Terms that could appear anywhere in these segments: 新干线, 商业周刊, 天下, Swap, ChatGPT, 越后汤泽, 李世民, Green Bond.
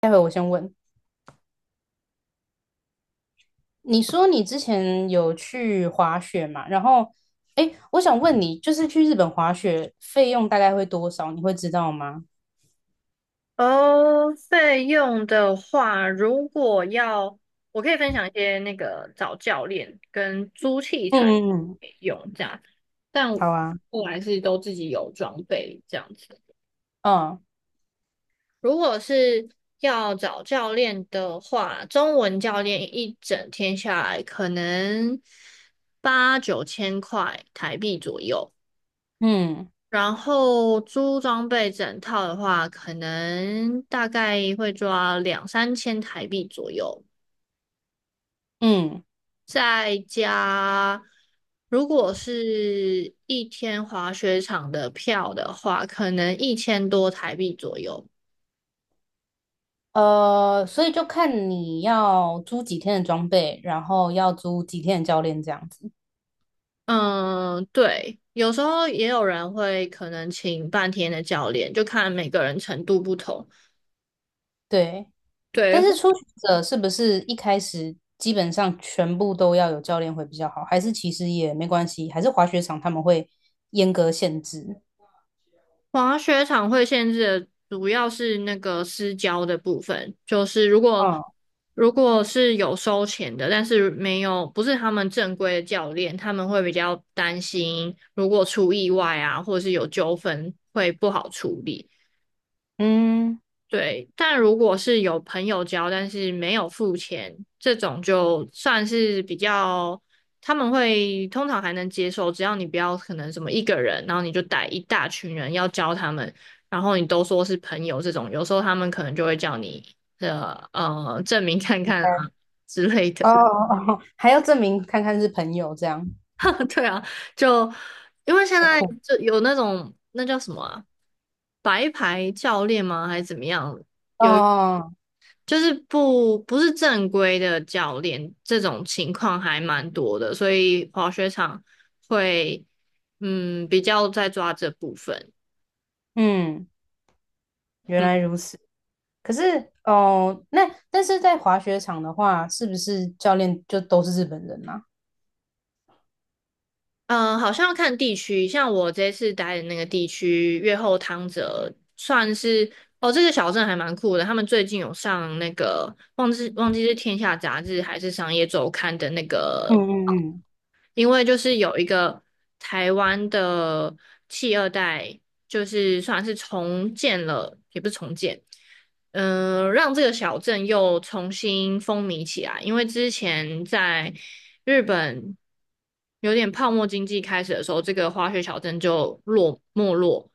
待会我先问，你说你之前有去滑雪嘛？然后，哎，我想问你，就是去日本滑雪费用大概会多少？你会知道吗？哦，费用的话，如果要，我可以分享一些那个找教练跟租器嗯材嗯嗯，用这样，但好啊，我还是都自己有装备这样子。嗯如果是要找教练的话，中文教练一整天下来可能八九千块台币左右。嗯然后租装备整套的话，可能大概会抓两三千台币左右，嗯，再加如果是一天滑雪场的票的话，可能一千多台币左右。所以就看你要租几天的装备，然后要租几天的教练这样子。嗯，对，有时候也有人会可能请半天的教练，就看每个人程度不同。对，但对，是初学者是不是一开始基本上全部都要有教练会比较好？还是其实也没关系？还是滑雪场他们会严格限制？滑雪场会限制的主要是那个私交的部分，就是如果嗯如果是有收钱的，但是没有不是他们正规的教练，他们会比较担心，如果出意外啊，或者是有纠纷会不好处理。嗯，对，但如果是有朋友教，但是没有付钱，这种就算是比较，他们会通常还能接受，只要你不要可能什么一个人，然后你就带一大群人要教他们，然后你都说是朋友这种，有时候他们可能就会叫你的证明看看啊之类哦的，哦，哦还要证明看看是朋友这样，对啊，就因为现太在酷。就有那种那叫什么啊，白牌教练吗？还是怎么样？哦，哦就是不是正规的教练，这种情况还蛮多的，所以滑雪场会比较在抓这部分。嗯，原嗯来如此。可是哦，那但是在滑雪场的话，是不是教练就都是日本人啊？嗯，好像要看地区，像我这次待的那个地区，越后汤泽算是哦，这个小镇还蛮酷的，他们最近有上那个忘记是天下》杂志还是《商业周刊》的那嗯个，嗯因为就是有一个台湾的企二代，就是算是重建了，也不是重建，嗯、让这个小镇又重新风靡起来。因为之前在日本有点泡沫经济开始的时候，这个滑雪小镇就落没落。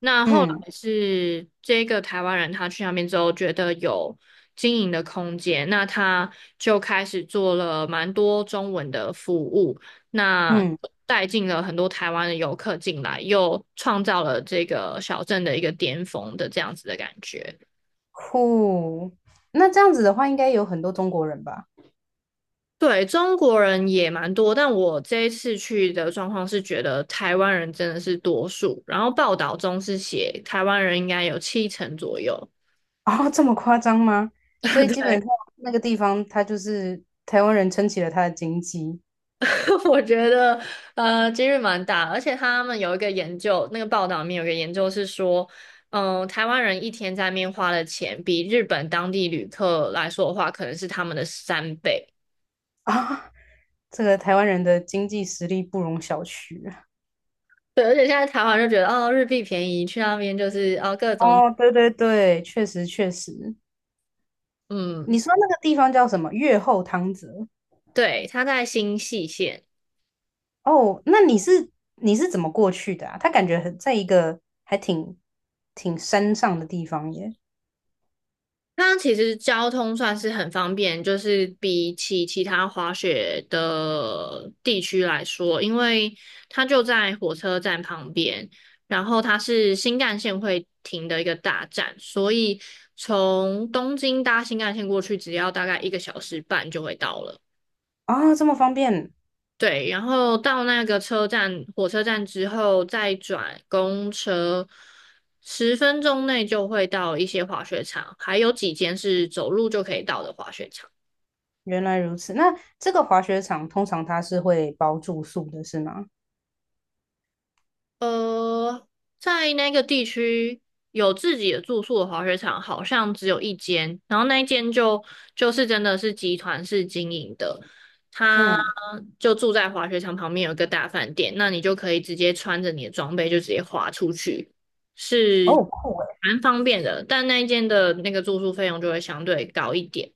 那后嗯来是这个台湾人他去那边之后，觉得有经营的空间，那他就开始做了蛮多中文的服务。那嗯嗯，带进了很多台湾的游客进来，又创造了这个小镇的一个巅峰的这样子的感觉。酷。那这样子的话，应该有很多中国人吧？对，中国人也蛮多，但我这一次去的状况是觉得台湾人真的是多数，然后报道中是写台湾人应该有七成左右。哦，这么夸张吗？所 以基本对，上那个地方，他就是台湾人撑起了他的经济 我觉得几率蛮大，而且他们有一个研究，那个报道里面有一个研究是说，嗯、台湾人一天在那边花的钱，比日本当地旅客来说的话，可能是他们的三倍。啊。这个台湾人的经济实力不容小觑。对，而且现在台湾就觉得哦，日币便宜，去那边就是哦各种。哦，对对对，确实确实。嗯，你说那个地方叫什么？越后汤泽。对，他在新细线。哦，那你是怎么过去的啊？他感觉很在一个还挺山上的地方耶。它其实交通算是很方便，就是比起其他滑雪的地区来说，因为它就在火车站旁边，然后它是新干线会停的一个大站，所以从东京搭新干线过去，只要大概一个小时半就会到了。啊、这么方便，对，然后到那个车站，火车站之后再转公车，十分钟内就会到一些滑雪场，还有几间是走路就可以到的滑雪场。原来如此。那这个滑雪场通常它是会包住宿的，是吗？呃，在那个地区有自己的住宿的滑雪场，好像只有一间，然后那一间就是真的是集团式经营的，他嗯，就住在滑雪场旁边有一个大饭店，那你就可以直接穿着你的装备就直接滑出去，是哦，酷诶。蛮方便的，但那一间的那个住宿费用就会相对高一点。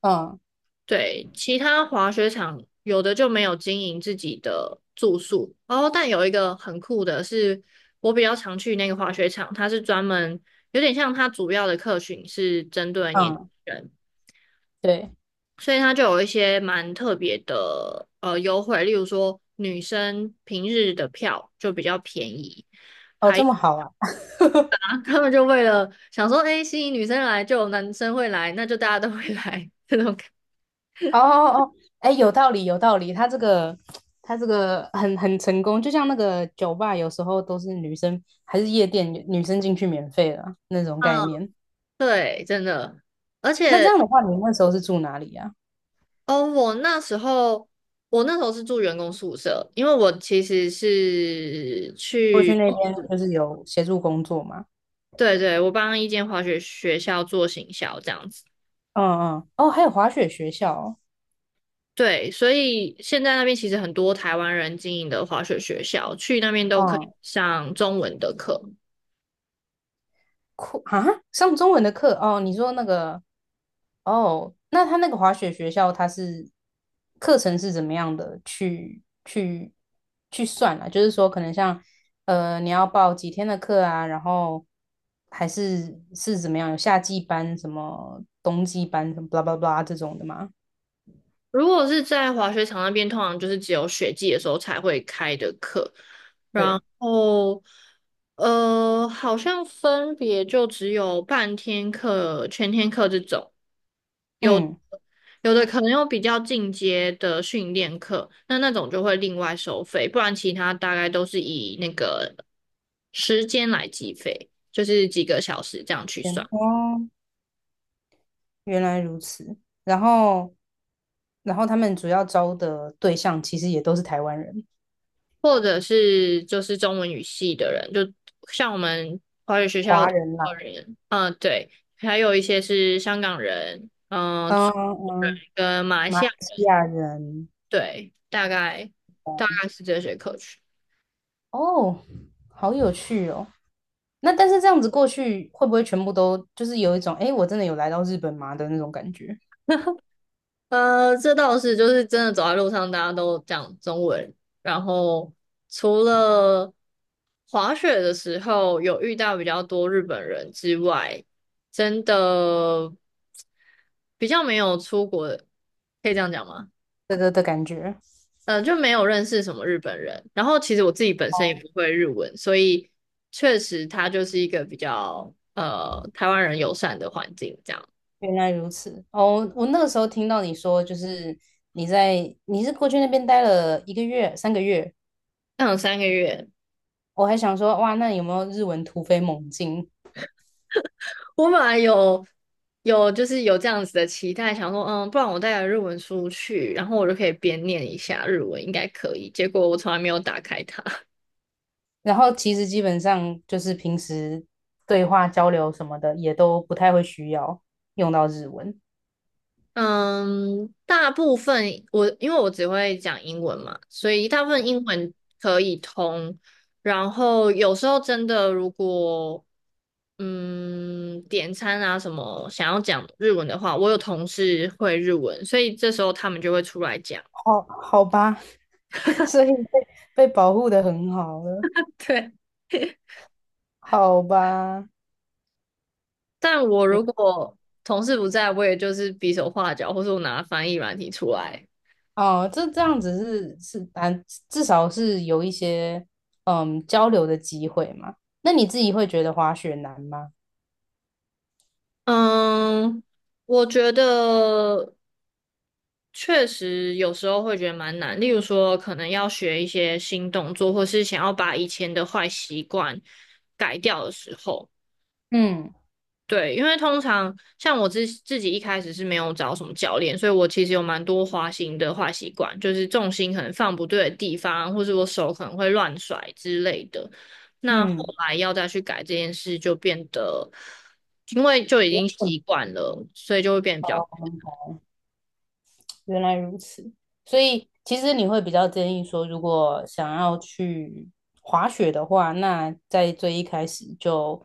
嗯对，其他滑雪场有的就没有经营自己的住宿哦，但有一个很酷的是，我比较常去那个滑雪场，它是专门有点像它主要的客群是针对年轻嗯，人，对，所以它就有一些蛮特别的优惠，例如说女生平日的票就比较便宜，哦，这还 么好啊。他们就为了想说，哎，吸引女生来，就有男生会来，那就大家都会来 这种感觉，哦哦哦，哎，有道理，有道理。他这个，他这个很成功，就像那个酒吧，有时候都是女生，还是夜店，女生进去免费的啊那种概嗯，念。对，真的。而那这且样的话，你那时候是住哪里啊？哦，我那时候是住员工宿舍，因为我其实是过去去，那边就是有协助工作吗？对，我帮一间滑雪学校做行销这样子，嗯嗯，哦，还有滑雪学校哦对，所以现在那边其实很多台湾人经营的滑雪学校，去那边都可以嗯，上中文的课。酷啊，上中文的课哦。你说那个哦，那他那个滑雪学校，他是课程是怎么样的去算啊？就是说，可能像你要报几天的课啊，然后还是怎么样？有夏季班、什么冬季班、什么 blah blah blah 这种的吗？如果是在滑雪场那边，通常就是只有雪季的时候才会开的课，然对，后，好像分别就只有半天课、全天课这种，有嗯，有的可能有比较进阶的训练课，那那种就会另外收费，不然其他大概都是以那个时间来计费，就是几个小时这样去算，原哦，原来如此。然后，然后他们主要招的对象其实也都是台湾人、或者是就是中文语系的人，就像我们华语学校华的人啦，人，嗯、对，还有一些是香港人，嗯、嗯中国人嗯，跟马来马西来亚，西亚人。对，大概是这些课程。哦，好有趣哦。那但是这样子过去，会不会全部都就是有一种，哎，我真的有来到日本吗的那种感觉？这倒是，就是真的走在路上，大家都讲中文。然后除了滑雪的时候有遇到比较多日本人之外，真的比较没有出国的可以这样讲吗？的感觉。就没有认识什么日本人。然后其实我自己本身也不会日文，所以确实它就是一个比较台湾人友善的环境这样。原来如此。哦，我那个时候听到你说，就是你是过去那边待了1个月、3个月，嗯，三个月。我还想说，哇，那有没有日文突飞猛进？我本来就是有这样子的期待，想说，嗯，不然我带了日文书去，然后我就可以边念一下日文，应该可以。结果我从来没有打开它。然后其实基本上就是平时对话交流什么的，也都不太会需要用到日文。嗯，大部分我因为我只会讲英文嘛，所以大部分英文可以通。然后有时候真的如果点餐啊什么想要讲日文的话，我有同事会日文，所以这时候他们就会出来讲。好，好吧，所以被保护的很好了。对。好吧，但我也如果同事不在，我也就是比手画脚，或是我拿翻译软体出来。哦，这样子是，但至少是有一些交流的机会嘛。那你自己会觉得滑雪难吗？嗯，我觉得确实有时候会觉得蛮难，例如说可能要学一些新动作，或是想要把以前的坏习惯改掉的时候。嗯对，因为通常像我自己一开始是没有找什么教练，所以我其实有蛮多滑行的坏习惯，就是重心可能放不对的地方，或是我手可能会乱甩之类的。那后嗯，来要再去改这件事，就变得因为就已经习惯了，所以就会变得比较。原来如此，所以其实你会比较建议说，如果想要去滑雪的话，那在最一开始就，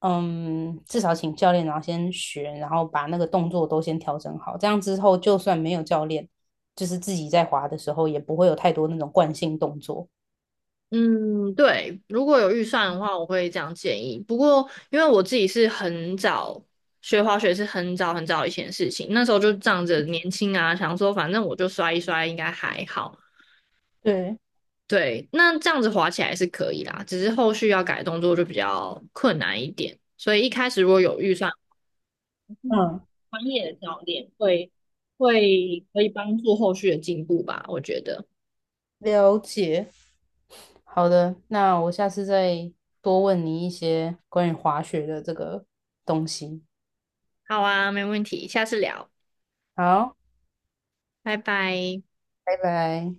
至少请教练，然后先学，然后把那个动作都先调整好，这样之后就算没有教练，就是自己在滑的时候，也不会有太多那种惯性动作。嗯，对，如果有预算的话，我会这样建议。不过，因为我自己是很早学滑雪，是很早很早以前的事情，那时候就仗着年轻啊，想说反正我就摔一摔，应该还好。对，对，那这样子滑起来是可以啦，只是后续要改动作就比较困难一点。所以一开始如果有预算，嗯，嗯，专业的教练会可以帮助后续的进步吧，我觉得。了解。好的，那我下次再多问你一些关于滑雪的这个东西。好啊，没问题，下次聊，好，拜拜。拜拜。